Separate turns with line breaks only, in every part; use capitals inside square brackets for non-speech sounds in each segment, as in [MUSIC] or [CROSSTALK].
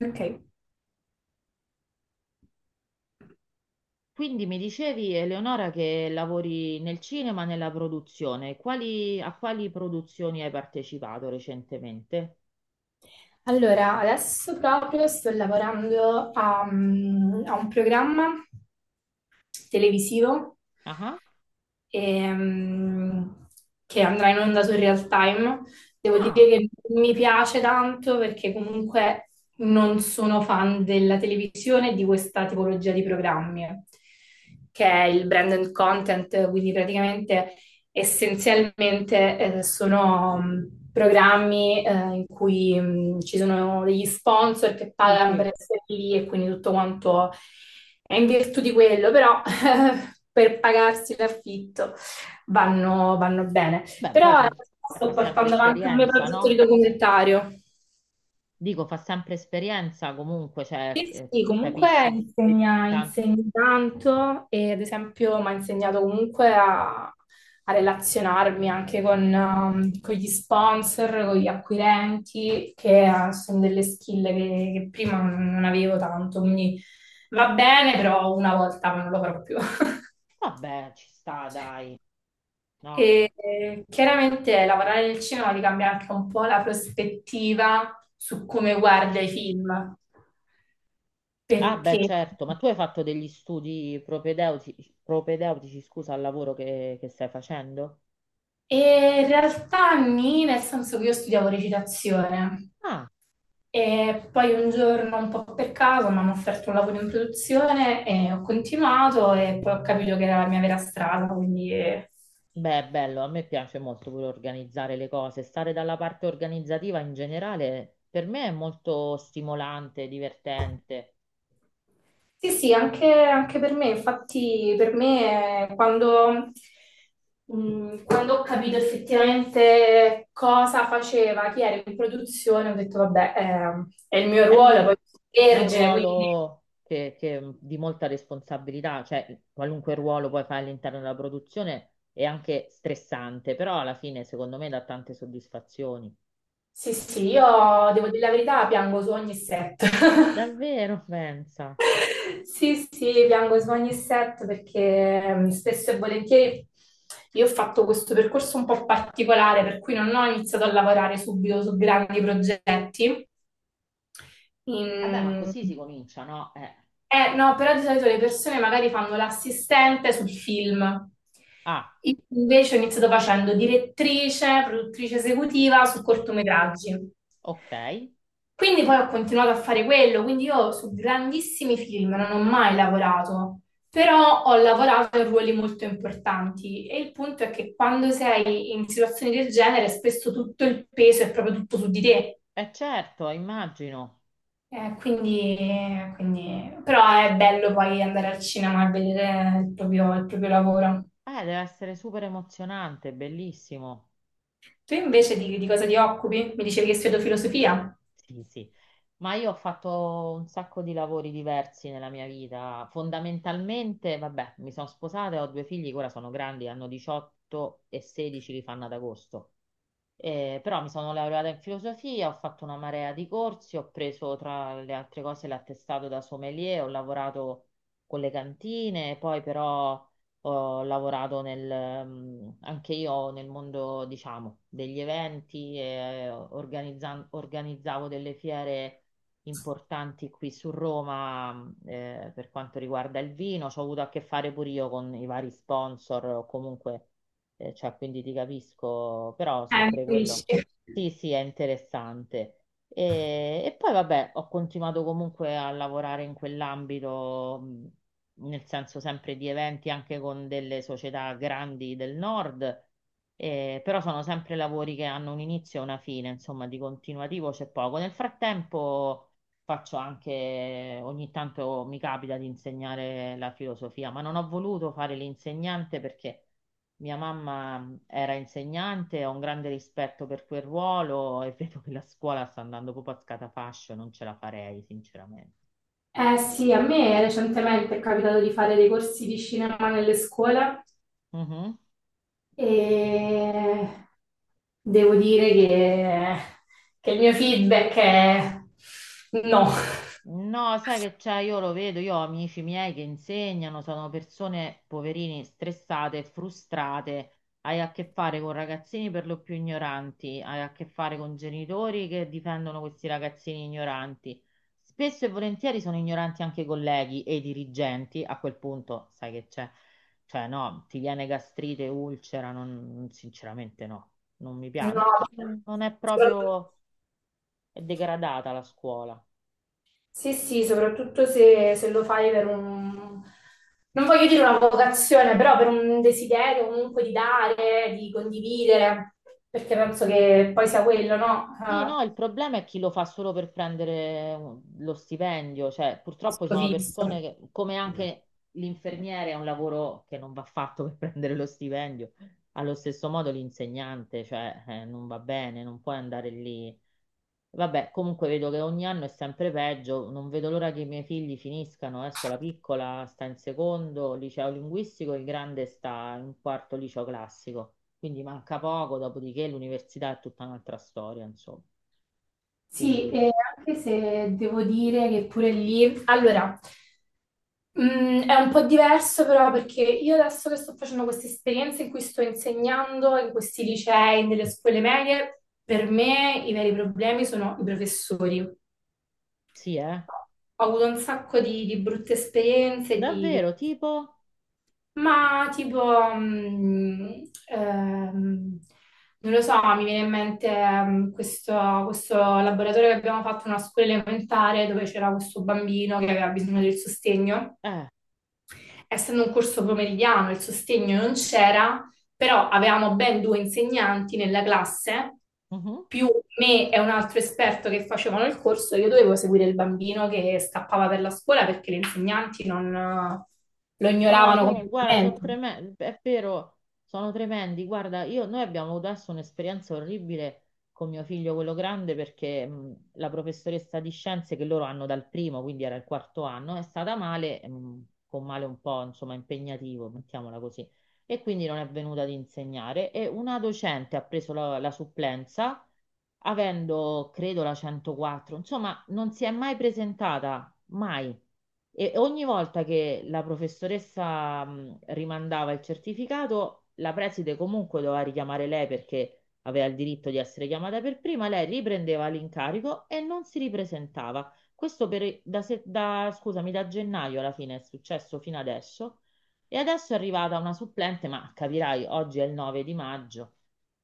Ok,
Quindi mi dicevi, Eleonora, che lavori nel cinema, nella produzione. A quali produzioni hai partecipato recentemente?
allora adesso proprio sto lavorando a un programma televisivo
Ah,
ehm, che andrà in onda su Real Time. Devo dire
ah,
che mi piace tanto perché comunque non sono fan della televisione e di questa tipologia di programmi, che è il brand and content, quindi praticamente essenzialmente sono programmi in cui ci sono degli sponsor che
sì,
pagano per
sì.
essere lì e quindi tutto quanto è in virtù di quello, però [LAUGHS] per pagarsi l'affitto vanno bene.
Beh, poi
Però
fa
sto
sempre
portando avanti un mio
esperienza,
progetto di
no?
documentario.
Dico, fa sempre esperienza comunque, cioè,
Sì, sì, comunque
capisci
insegna,
tanto.
insegna tanto e ad esempio mi ha insegnato comunque a relazionarmi anche con gli sponsor, con gli acquirenti, che sono delle skill che prima non avevo tanto, quindi va bene, però una volta non lo farò più. [LAUGHS]
Vabbè, ci sta, dai, no?
E chiaramente lavorare nel cinema ti cambia anche un po' la prospettiva su come guarda i film,
Ah, beh,
perché
certo, ma tu hai fatto degli studi propedeutici, scusa, al lavoro che stai facendo?
e in realtà nì, nel senso che io studiavo recitazione
Ah,
e poi un giorno un po' per caso mi hanno offerto un lavoro in produzione e ho continuato e poi ho capito che era la mia vera strada, quindi
beh, è bello, a me piace molto pure organizzare le cose, stare dalla parte organizzativa in generale per me è molto stimolante, divertente,
sì, sì, anche, anche per me, infatti per me quando ho capito effettivamente cosa faceva, chi era in produzione, ho detto vabbè, è il mio
è,
ruolo,
mol-
poi sono
è un
vergine, quindi
ruolo di molta responsabilità, cioè qualunque ruolo puoi fare all'interno della produzione è anche stressante, però alla fine secondo me dà tante soddisfazioni.
sì, sì, io devo dire la verità, piango su ogni set. [LAUGHS]
Davvero, pensa.
Sì, sì, piango su ogni set perché spesso e volentieri io ho fatto questo percorso un po' particolare, per cui non ho iniziato a lavorare subito su grandi progetti.
Vabbè, ma
In-
così si comincia, no?
No, però di solito le persone magari fanno l'assistente sul film.
Ah,
Io invece ho iniziato facendo direttrice, produttrice esecutiva su cortometraggi.
ok.
Quindi poi ho continuato a fare quello, quindi io su grandissimi film non ho mai lavorato, però ho lavorato in ruoli molto importanti e il punto è che quando sei in situazioni del genere spesso tutto il peso è proprio tutto su di te.
Eh certo, immagino.
Eh, quindi, Però è bello poi andare al cinema e vedere il proprio lavoro.
Deve essere super emozionante, bellissimo.
Tu invece di cosa ti occupi? Mi dicevi che studio filosofia?
Sì, sì. Ma io ho fatto un sacco di lavori diversi nella mia vita. Fondamentalmente, vabbè, mi sono sposata e ho due figli che ora sono grandi, hanno 18 e 16, li fanno ad agosto. Però mi sono laureata in filosofia, ho fatto una marea di corsi, ho preso tra le altre cose l'attestato da sommelier, ho lavorato con le cantine, poi però ho lavorato anche io nel mondo, diciamo, degli eventi, organizzavo delle fiere importanti qui su Roma, per quanto riguarda il vino, ci ho avuto a che fare pure io con i vari sponsor o comunque cioè, quindi ti capisco, però sì,
Mi
pure quello.
capisci.
Sì, sì, è interessante. E poi vabbè, ho continuato comunque a lavorare in quell'ambito, nel senso sempre di eventi anche con delle società grandi del nord, però sono sempre lavori che hanno un inizio e una fine, insomma, di continuativo c'è poco. Nel frattempo faccio anche, ogni tanto mi capita di insegnare la filosofia, ma non ho voluto fare l'insegnante perché mia mamma era insegnante, ho un grande rispetto per quel ruolo e [LAUGHS] vedo che la scuola sta andando proprio a scatafascio, non ce la farei, sinceramente.
Eh sì, a me recentemente è capitato di fare dei corsi di cinema nelle scuole
Mhm.
e devo dire che il mio feedback è no.
No, sai che c'è, io lo vedo, io ho amici miei che insegnano, sono persone poverini, stressate, frustrate, hai a che fare con ragazzini per lo più ignoranti, hai a che fare con genitori che difendono questi ragazzini ignoranti. Spesso e volentieri sono ignoranti anche i colleghi e i dirigenti, a quel punto sai che c'è, cioè no, ti viene gastrite, ulcera, non, sinceramente no, non mi piace,
No.
non è proprio, è degradata la scuola.
Sì, sì, soprattutto se, lo fai per un... non voglio dire una vocazione, però per un desiderio comunque di dare, di condividere, perché penso che poi sia quello, no?
Sì, no,
Ah,
il problema è chi lo fa solo per prendere lo stipendio, cioè purtroppo ci
questo
sono
visto.
persone che, come anche l'infermiere è un lavoro che non va fatto per [LAUGHS] prendere lo stipendio, allo stesso modo l'insegnante, cioè non va bene, non puoi andare lì. Vabbè, comunque vedo che ogni anno è sempre peggio, non vedo l'ora che i miei figli finiscano, adesso la piccola sta in secondo liceo linguistico, il grande sta in quarto liceo classico, quindi manca poco, dopodiché l'università è tutta un'altra storia, insomma. Quindi
Sì, e anche se devo dire che pure lì, allora, è un po' diverso però perché io adesso che sto facendo queste esperienze in cui sto insegnando in questi licei, nelle scuole medie, per me i veri problemi sono i professori.
Sì, eh?
Ho avuto un sacco di brutte esperienze, di
Davvero, tipo.
ma tipo, non lo so, mi viene in mente questo laboratorio che abbiamo fatto in una scuola elementare dove c'era questo bambino che aveva bisogno del sostegno.
Eh,
Essendo un corso pomeridiano, il sostegno non c'era, però avevamo ben due insegnanti nella classe,
mhm.
più me e un altro esperto che facevano il corso, io dovevo seguire il bambino che scappava per la scuola perché gli insegnanti non, lo
No,
ignoravano
guarda, sono
completamente.
tremendi, è vero, sono tremendi. Guarda, noi abbiamo avuto adesso un'esperienza orribile con mio figlio, quello grande, perché la professoressa di scienze che loro hanno dal primo, quindi era il quarto anno, è stata male, con male un po', insomma, impegnativo, mettiamola così, e quindi non è venuta ad insegnare. E una docente ha preso la supplenza, avendo, credo, la 104, insomma, non si è mai presentata, mai. E ogni volta che la professoressa rimandava il certificato, la preside comunque doveva richiamare lei perché aveva il diritto di essere chiamata per prima, lei riprendeva l'incarico e non si ripresentava. Questo per- da, se- da- scusami, da gennaio alla fine è successo fino adesso. E adesso è arrivata una supplente, ma capirai, oggi è il 9 di maggio,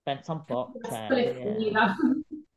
pensa un po',
La
cioè,
scuola è finita.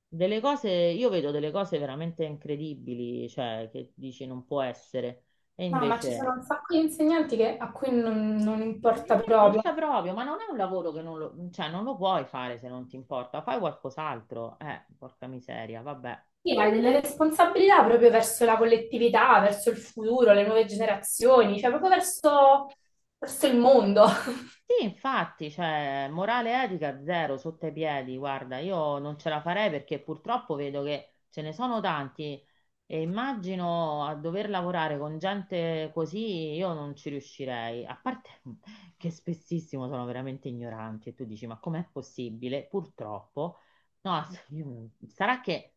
delle cose, io vedo delle cose veramente incredibili, cioè che dici non può essere, e
No, ma ci
invece è.
sono un sacco di insegnanti che- a cui non, non importa
Non
proprio.
importa proprio, ma non è un lavoro che non lo, cioè, non lo puoi fare se non ti importa, fai qualcos'altro, porca miseria, vabbè.
Sì, hai delle responsabilità proprio verso la collettività, verso il futuro, le nuove generazioni, cioè proprio verso, verso il mondo. [LAUGHS]
Sì, infatti, cioè, morale e etica zero sotto i piedi, guarda, io non ce la farei perché purtroppo vedo che ce ne sono tanti e immagino a dover lavorare con gente così io non ci riuscirei, a parte [LAUGHS] che spessissimo sono veramente ignoranti e tu dici, ma com'è possibile? Purtroppo. No, sarà che,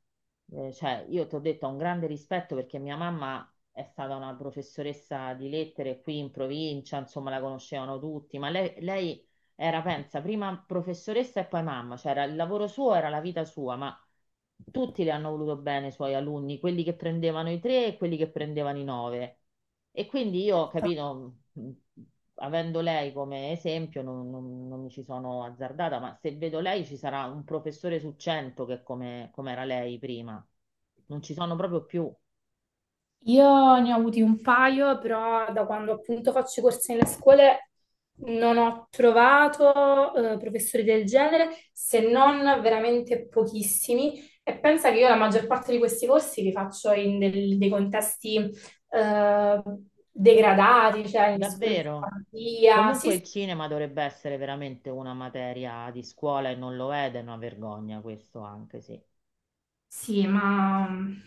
cioè, io ti ho detto, ho un grande rispetto perché mia mamma è stata una professoressa di lettere qui in provincia, insomma, la conoscevano tutti, ma lei era, pensa, prima professoressa e poi mamma, cioè il lavoro suo era la vita sua, ma tutti le hanno voluto bene i suoi alunni, quelli che prendevano i tre e quelli che prendevano i nove. E quindi io, capito, avendo lei come esempio, non mi ci sono azzardata, ma se vedo lei ci sarà un professore su 100 che è come era lei prima. Non ci sono proprio più,
Io ne ho avuti un paio, però da quando appunto faccio i corsi nelle scuole non ho trovato professori del genere, se non veramente pochissimi. E pensa che io la maggior parte di questi corsi li faccio in dei contesti eh, degradati, cioè nelle scuole di
davvero.
fantasia. Sì,
Comunque
sì,
il
sì.
cinema dovrebbe essere veramente una materia di scuola e non lo è ed è una vergogna questo anche, sì.
Sì, ma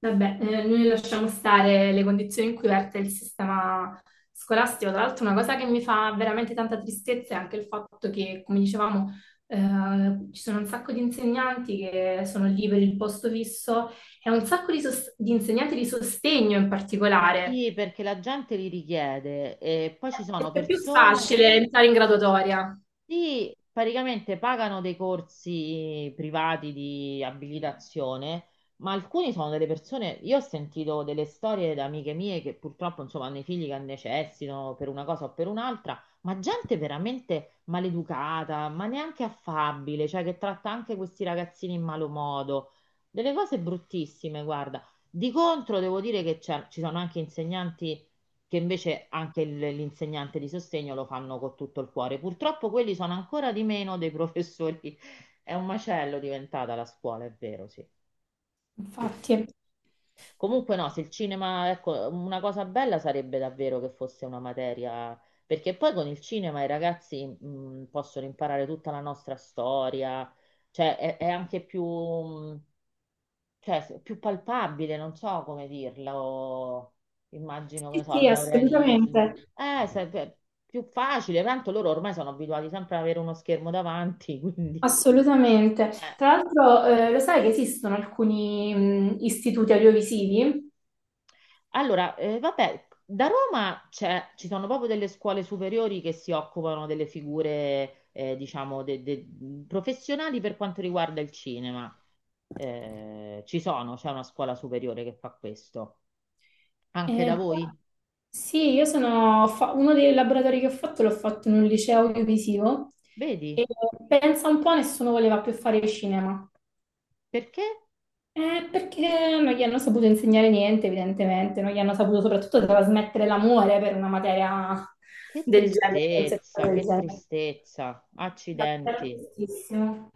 vabbè, noi lasciamo stare le condizioni in cui verte il sistema scolastico. Tra l'altro, una cosa che mi fa veramente tanta tristezza è anche il fatto che, come dicevamo, ci sono un sacco di insegnanti che sono lì per il posto fisso e un sacco di insegnanti di sostegno in particolare,
Sì, perché la gente li richiede e poi ci sono
perché è più
persone che
facile entrare in graduatoria.
sì, praticamente pagano dei corsi privati di abilitazione, ma alcuni sono delle persone, io ho sentito delle storie da amiche mie che purtroppo insomma hanno i figli che necessitano per una cosa o per un'altra, ma gente veramente maleducata, ma neanche affabile, cioè che tratta anche questi ragazzini in malo modo, delle cose bruttissime, guarda. Di contro devo dire che ci sono anche insegnanti che invece anche l'insegnante di sostegno lo fanno con tutto il cuore. Purtroppo quelli sono ancora di meno dei professori. [LAUGHS] È un macello diventata la scuola, è vero, sì. Sì, sì.
Infatti,
Comunque no, se il cinema, ecco, una cosa bella sarebbe davvero che fosse una materia, perché poi con il cinema i ragazzi possono imparare tutta la nostra storia, cioè è anche più, cioè, più palpabile, non so come dirlo, immagino, che ne
sì,
so,
sì,
il neorealismo.
assolutamente.
Più facile, tanto loro ormai sono abituati sempre ad avere uno schermo davanti, [LAUGHS] quindi,
Assolutamente.
eh.
Tra l'altro, lo sai che esistono alcuni istituti audiovisivi?
Allora, vabbè, da Roma ci sono proprio delle scuole superiori che si occupano delle figure, diciamo, professionali per quanto riguarda il cinema. C'è una scuola superiore che fa questo. Anche
Eh,
da
però-
voi?
sì, uno dei laboratori che ho fatto l'ho fatto in un liceo audiovisivo e
Vedi?
pensa un po', nessuno voleva più fare cinema.
Perché?
Perché non gli hanno saputo insegnare niente, evidentemente, non gli hanno saputo soprattutto trasmettere l'amore per una materia
Che
del genere, per un
tristezza,
settore del
che
genere.
tristezza. Accidenti.
D'accordissimo.